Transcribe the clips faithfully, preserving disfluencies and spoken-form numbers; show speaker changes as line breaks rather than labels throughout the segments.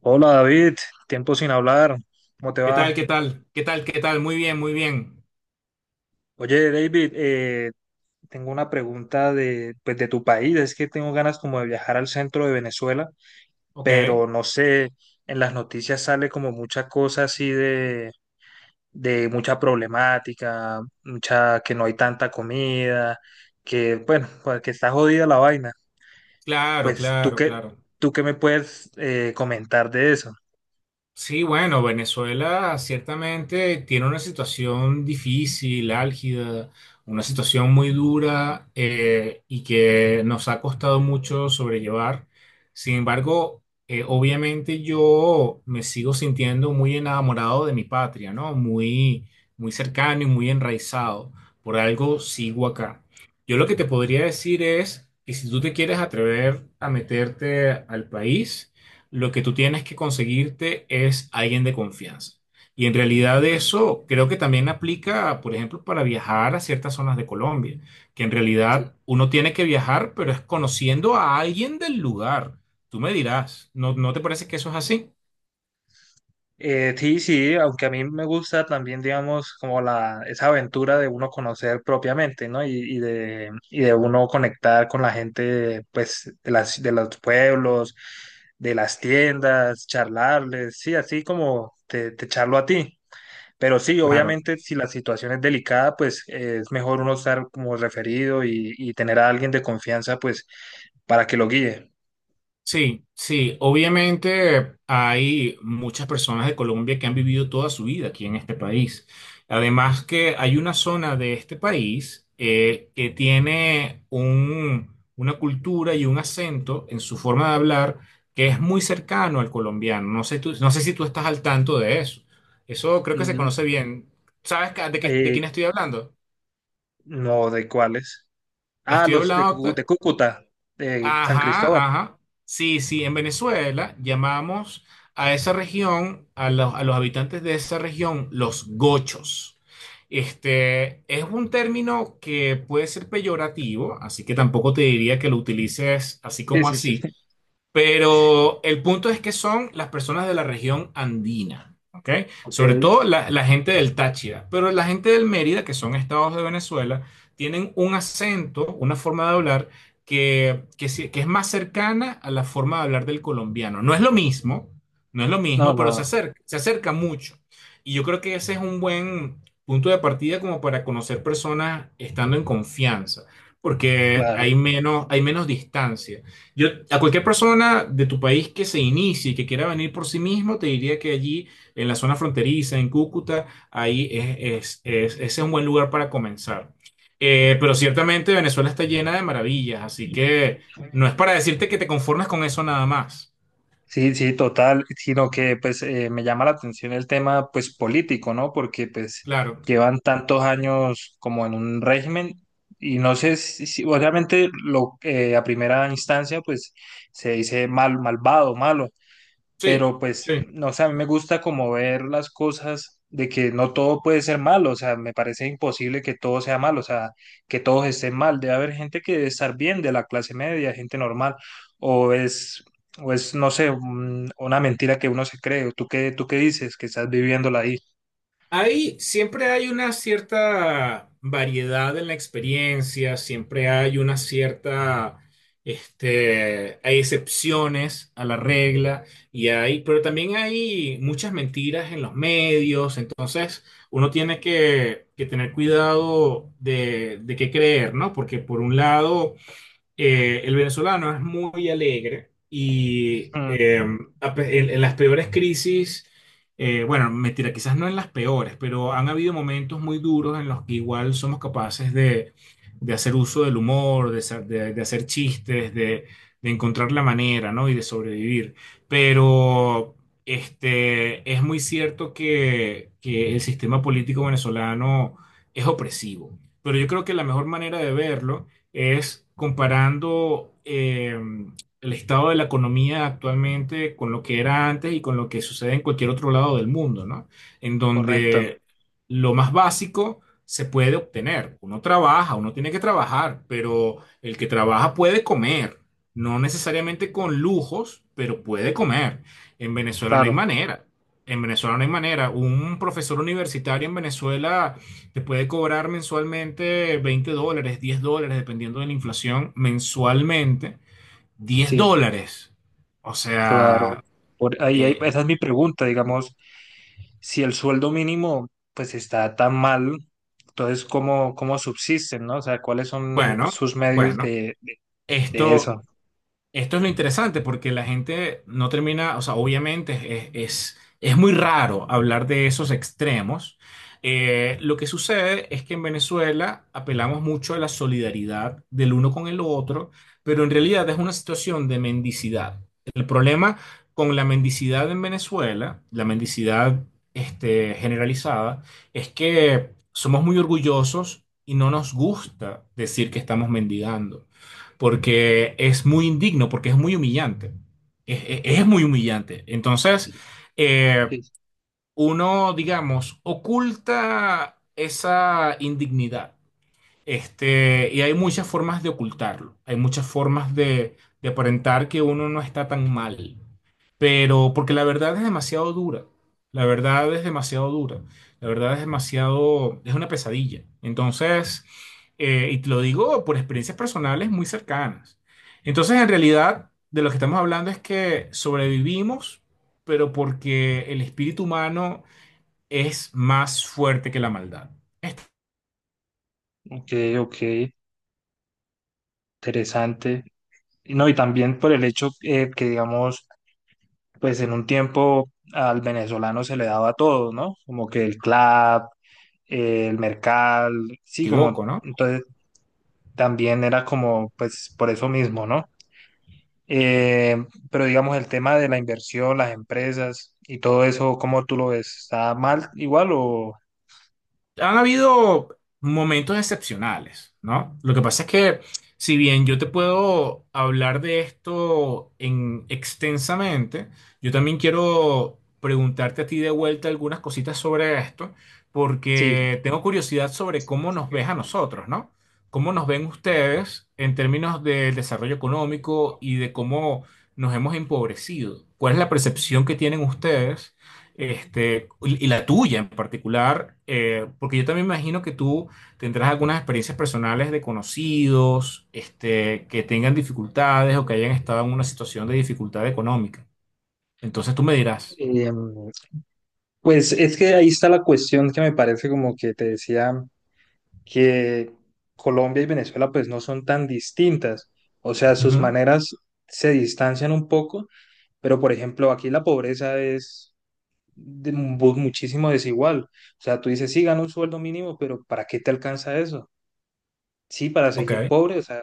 Hola David, tiempo sin hablar, ¿cómo te
¿Qué tal?
va?
¿Qué tal? ¿Qué tal? ¿Qué tal? Muy bien, muy bien.
Oye David, eh, tengo una pregunta de, pues, de tu país, es que tengo ganas como de viajar al centro de Venezuela,
Ok,
pero no sé, en las noticias sale como mucha cosa así de, de mucha problemática, mucha que no hay tanta comida, que bueno, pues, que está jodida la vaina.
claro,
Pues tú
claro,
qué,
claro.
tú qué me puedes eh, comentar de eso.
Sí, bueno, Venezuela ciertamente tiene una situación difícil, álgida, una situación muy dura, eh, y que nos ha costado mucho sobrellevar. Sin embargo, eh, obviamente yo me sigo sintiendo muy enamorado de mi patria, ¿no? Muy, muy cercano y muy enraizado. Por algo sigo acá. Yo lo que te podría decir es que si tú te quieres atrever a meterte al país, lo que tú tienes que conseguirte es alguien de confianza. Y en realidad
Correcto.
eso creo que también aplica, por ejemplo, para viajar a ciertas zonas de Colombia, que en realidad uno tiene que viajar, pero es conociendo a alguien del lugar. Tú me dirás, ¿no, no te parece que eso es así?
Eh, sí, sí, aunque a mí me gusta también, digamos, como la, esa aventura de uno conocer propiamente, ¿no? Y, y de, y de uno conectar con la gente, pues, de las, de los pueblos, de las tiendas, charlarles, sí, así como te, te charlo a ti. Pero sí,
Claro.
obviamente, si la situación es delicada, pues eh, es mejor uno estar como referido y, y tener a alguien de confianza, pues, para que lo guíe.
Sí, sí, obviamente hay muchas personas de Colombia que han vivido toda su vida aquí en este país. Además que hay una zona de este país, eh, que tiene un- una cultura y un acento en su forma de hablar que es muy cercano al colombiano. No sé tú- no sé si tú estás al tanto de eso. Eso creo que se
Ujú.
conoce bien. ¿Sabes ca- de qué- de
Eh,
quién estoy hablando?
no, ¿de cuáles? Ah,
Estoy
los de, Cucu-
hablando.
de Cúcuta, de San
Ajá,
Cristóbal.
ajá. Sí, sí, en Venezuela llamamos a esa región, a los, a los habitantes de esa región, los gochos. Este es un término que puede ser peyorativo, así que tampoco te diría que lo utilices así
Sí,
como
sí, sí,
así.
sí.
Pero el punto es que son las personas de la región andina, ¿ok?
Ok.
Sobre todo la, la gente del Táchira, pero la gente del Mérida, que son estados de Venezuela, tienen un acento, una forma de hablar que, que, sí- que es más cercana a la forma de hablar del colombiano. No es lo mismo, no es lo
No,
mismo,
no,
pero se acerca, se acerca mucho. Y yo creo que ese es un buen punto de partida como para conocer personas estando en confianza, porque
claro.
hay menos, hay menos distancia. Yo, a cualquier persona de tu país que se inicie y que quiera venir por sí mismo, te diría que allí, en la zona fronteriza, en Cúcuta, ahí es, es- es- ese es un buen lugar para comenzar. Eh, pero ciertamente Venezuela está llena de maravillas, así que no es para decirte que te conformes con eso nada más.
Sí, sí, total. Sino que pues eh, me llama la atención el tema pues político, ¿no? Porque pues
Claro,
llevan tantos años como en un régimen y no sé si, si- obviamente lo, eh, a primera instancia pues se dice mal, malvado, malo,
sí,
pero pues,
sí.
no sé, a mí me gusta como ver las cosas de que no todo puede ser malo, o sea, me parece imposible que todo sea malo, o sea, que todos estén mal, debe haber gente que debe estar bien de la clase media, gente normal, o es, o es, no sé, un- una mentira que uno se cree, o tú qué, tú qué dices, que estás viviéndola ahí.
Hay, siempre hay una cierta variedad en la experiencia, siempre hay una cierta, este, hay excepciones a la regla y hay, pero también hay muchas mentiras en los medios, entonces uno tiene que, que tener cuidado de, de qué creer, ¿no? Porque por un lado, eh, el venezolano es muy alegre y,
Mm,
eh, a pe- en, en las peores crisis, eh, bueno, mentira, quizás no en las peores, pero han habido momentos muy duros en los que igual somos capaces de, de hacer uso del humor, de, sa- de- de hacer chistes, de, de encontrar la manera, ¿no? Y de sobrevivir. Pero este, es muy cierto que, que el sistema político venezolano es opresivo. Pero yo creo que la mejor manera de verlo es comparando, eh, el estado de la economía actualmente con lo que era antes y con lo que sucede en cualquier otro lado del mundo, ¿no? En
correcto,
donde lo más básico se puede obtener. Uno trabaja, uno tiene que trabajar, pero el que trabaja puede comer, no necesariamente con lujos, pero puede comer. En Venezuela no hay
claro,
manera. En Venezuela no hay manera. Un profesor universitario en Venezuela te puede cobrar mensualmente veinte dólares, diez dólares, dependiendo de la inflación, mensualmente diez
sí.
dólares. O
Claro,
sea,
por ahí hay-
eh,
esa es mi pregunta, digamos, si el sueldo mínimo pues está tan mal, entonces ¿cómo, cómo subsisten? ¿No? O sea, ¿cuáles son
bueno,
sus medios
bueno,
de, de, de
esto
eso?
Esto es lo interesante porque la gente no termina, o sea, obviamente es, es, es muy raro hablar de esos extremos. Eh, lo que sucede es que en Venezuela apelamos mucho a la solidaridad del uno con el otro, pero en realidad es una situación de mendicidad. El problema con la mendicidad en Venezuela, la mendicidad este, generalizada, es que somos muy orgullosos y no nos gusta decir que estamos mendigando porque es muy indigno, porque es muy humillante. Es, es- es muy humillante. Entonces, eh,
Sí.
uno, digamos, oculta esa indignidad este, y hay muchas formas de ocultarlo, hay muchas formas de, de aparentar que uno no está tan mal, pero porque la verdad es demasiado dura, la verdad es demasiado dura, la verdad es demasiado, es una pesadilla. Entonces, eh, y te lo digo por experiencias personales muy cercanas. Entonces, en realidad, de lo que estamos hablando es que sobrevivimos, pero porque el espíritu humano es más fuerte que la maldad. Esto
Ok, ok, interesante. Y no, y también por el hecho eh, que, digamos, pues en un tiempo al venezolano se le daba todo, ¿no? Como que el club, eh, el mercal, sí, como,
equivoco, ¿no?
entonces también era como, pues por eso mismo, ¿no? Eh, pero digamos, el tema de la inversión, las empresas y todo eso, ¿cómo tú lo ves? ¿Está mal igual o...?
Han habido momentos excepcionales, ¿no? Lo que pasa es que, si bien yo te puedo hablar de esto en extensamente, yo también quiero preguntarte a ti de vuelta algunas cositas sobre esto,
Sí,
porque tengo curiosidad sobre cómo nos ves a nosotros, ¿no? ¿Cómo nos ven ustedes en términos del desarrollo económico y de cómo nos hemos empobrecido? ¿Cuál es la percepción que tienen ustedes? Este, y y la tuya en particular, eh, porque yo también me imagino que tú tendrás algunas experiencias personales de conocidos, este, que tengan dificultades o que hayan estado en una situación de dificultad económica. Entonces tú me dirás.
Em, pues es que ahí está la cuestión que me parece como que te decía que Colombia y Venezuela pues no son tan distintas, o sea, sus
Ujú.
maneras se distancian un poco, pero por ejemplo aquí la pobreza es de mu- muchísimo desigual, o sea, tú dices, sí, gano un sueldo mínimo, pero ¿para qué te alcanza eso? Sí, para
Ok,
seguir pobre, o sea,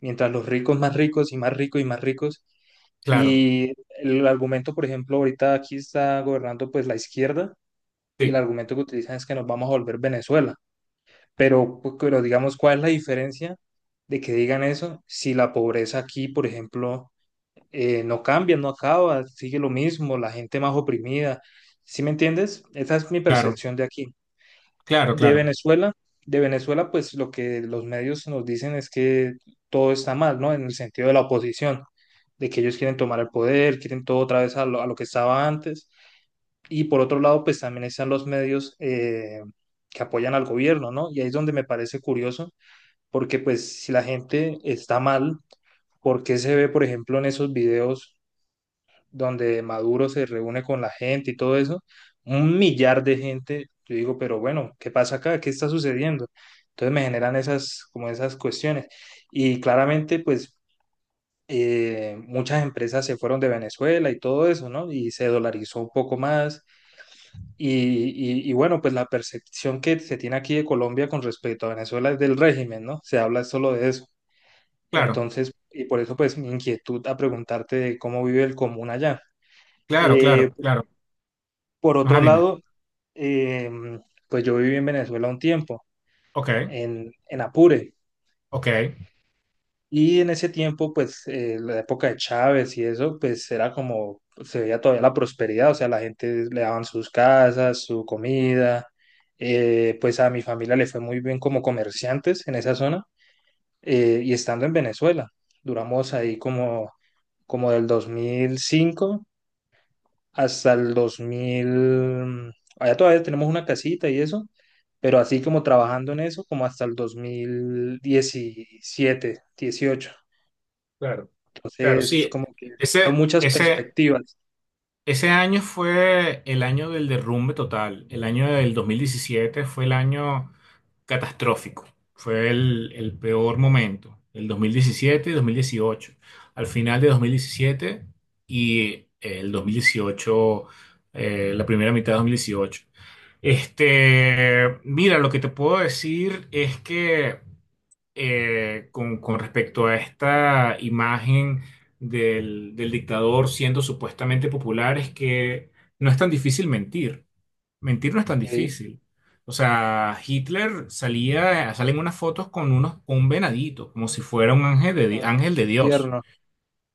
mientras los ricos más ricos y más ricos y más ricos.
claro,
Y el argumento, por ejemplo, ahorita aquí está gobernando pues la izquierda y el
sí,
argumento que utilizan es que nos vamos a volver Venezuela. Pero, pu- pero digamos, ¿cuál es la diferencia de que digan eso si la pobreza aquí, por ejemplo, eh, no cambia, no acaba, sigue lo mismo, la gente más oprimida? ¿Sí me entiendes? Esa es mi
claro,
percepción de aquí.
claro,
De
claro,
Venezuela, de Venezuela, pues lo que los medios nos dicen es que todo está mal, ¿no? En el sentido de la oposición, de que ellos quieren tomar el poder, quieren todo otra vez a lo, a lo que estaba antes. Y por otro lado, pues también están los medios eh, que apoyan al gobierno, ¿no? Y ahí es donde me parece curioso, porque pues si la gente está mal, ¿por qué se ve, por ejemplo, en esos videos, donde Maduro se reúne con la gente y todo eso, un millar de gente? Yo digo, pero bueno, ¿qué pasa acá? ¿Qué está sucediendo? Entonces me generan esas, como esas cuestiones. Y claramente, pues, eh, muchas empresas se fueron de Venezuela y todo eso, ¿no? Y se dolarizó un poco más. Y, y, y bueno, pues la percepción que se tiene aquí de Colombia con respecto a Venezuela es del régimen, ¿no? Se habla solo de eso.
claro,
Entonces, y por eso pues mi inquietud a preguntarte de cómo vive el común allá.
claro,
Eh,
claro, claro.
Por otro
Ajá, dime.
lado, eh, pues yo viví en Venezuela un tiempo,
Ok,
en, en Apure,
ok,
y en ese tiempo, pues eh, la época de Chávez y eso, pues era como, se veía todavía la prosperidad, o sea, la gente le daban sus casas, su comida, eh, pues a mi familia le fue muy bien como comerciantes en esa zona, eh, y estando en Venezuela, duramos ahí como, como del dos mil cinco hasta el dos mil, allá todavía tenemos una casita y eso, pero así como trabajando en eso, como hasta el dos mil diecisiete, dieciocho.
claro, claro,
Entonces,
sí.
como que son
Ese,
muchas
ese.
perspectivas.
Ese año fue el año del derrumbe total. El año del dos mil diecisiete fue el año catastrófico. Fue el, el peor momento. El dos mil diecisiete y dos mil dieciocho. Al final de dos mil diecisiete y el dos mil dieciocho, eh, la primera mitad de dos mil dieciocho. Este, mira, lo que te puedo decir es que, eh, con, con respecto a esta imagen del, del dictador siendo supuestamente popular es que no es tan difícil mentir. Mentir no es tan
¿Sí?
difícil. O sea, Hitler salía, salen unas fotos con unos, con un venadito, como si fuera un ángel de, di-
Ah,
ángel de
muy
Dios.
tierno,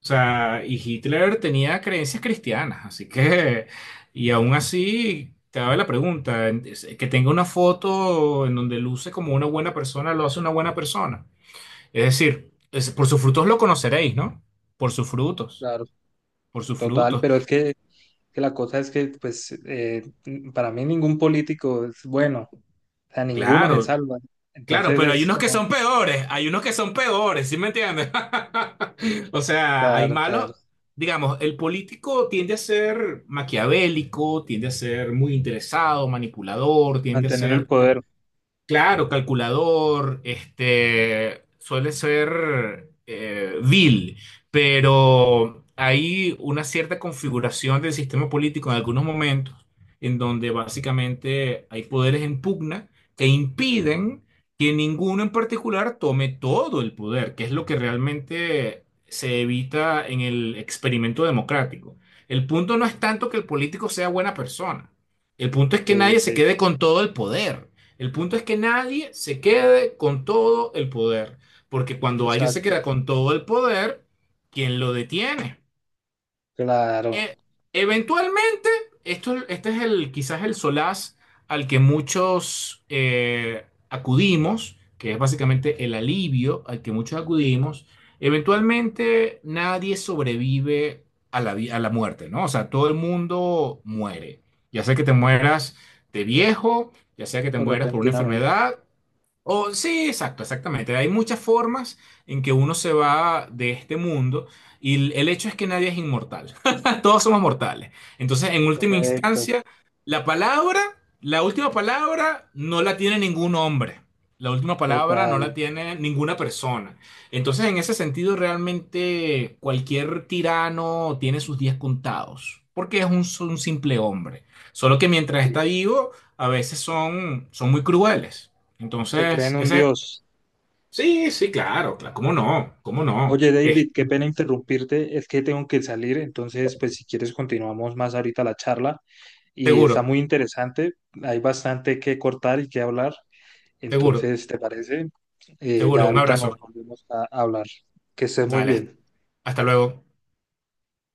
O sea, y Hitler tenía creencias cristianas, así que, y aún así, te daba la pregunta, que tenga una foto en donde luce como una buena persona, lo hace una buena persona. Es decir, es- por sus frutos lo conoceréis, ¿no? Por sus frutos,
claro,
por sus
total,
frutos.
pero es que, que la cosa es que, pues, eh, para mí ningún político es bueno, o sea, ninguno se
Claro,
salva.
claro,
Entonces
pero hay
es
unos que
como,
son peores, hay unos que son peores, ¿sí me entiendes? O sea, hay
claro, claro,
malos, digamos, el político tiende a ser maquiavélico, tiende a ser muy interesado, manipulador, tiende a
mantener el
ser
poder.
Claro, calculador, este, suele ser, eh, vil, pero hay una cierta configuración del sistema político en algunos momentos en donde básicamente hay poderes en pugna que impiden que ninguno en particular tome todo el poder, que es lo que realmente se evita en el experimento democrático. El punto no es tanto que el político sea buena persona, el punto es
Ok,
que nadie
ok,
se quede con todo el poder. El punto es que nadie se quede con todo el poder, porque cuando alguien se queda
exacto,
con todo el poder, ¿quién lo detiene?
claro,
E- Eventualmente, esto, este es el, quizás el solaz al que muchos, eh, acudimos, que es básicamente el alivio al que muchos acudimos. Eventualmente, nadie sobrevive a la, vi- a la muerte, ¿no? O sea, todo el mundo muere. Ya sea que te mueras de viejo, ya sea que te
o
mueras por una
repentinamente.
enfermedad o- sí, exacto, exactamente. Hay muchas formas en que uno se va de este mundo y el el hecho es que nadie es inmortal. Todos somos mortales. Entonces, en última
Correcto,
instancia, la palabra, la última palabra no la tiene ningún hombre. La última palabra no
total,
la tiene ninguna persona. Entonces, en ese sentido, realmente cualquier tirano tiene sus días contados, porque es un, un simple hombre. Solo que mientras
sí.
está vivo, a veces son, son muy crueles.
Se creen
Entonces,
un
ese...
dios.
Sí, sí, claro, claro. ¿Cómo no? ¿Cómo no?
Oye,
Eh,
David, qué pena interrumpirte, es que tengo que salir, entonces, pues si quieres continuamos más ahorita la charla y está
seguro,
muy interesante, hay bastante que cortar y que hablar,
seguro,
entonces, ¿te parece? Eh,
seguro.
ya
Un
ahorita nos
abrazo.
volvemos a hablar. Que estés muy
Dale, hasta
bien.
hasta luego.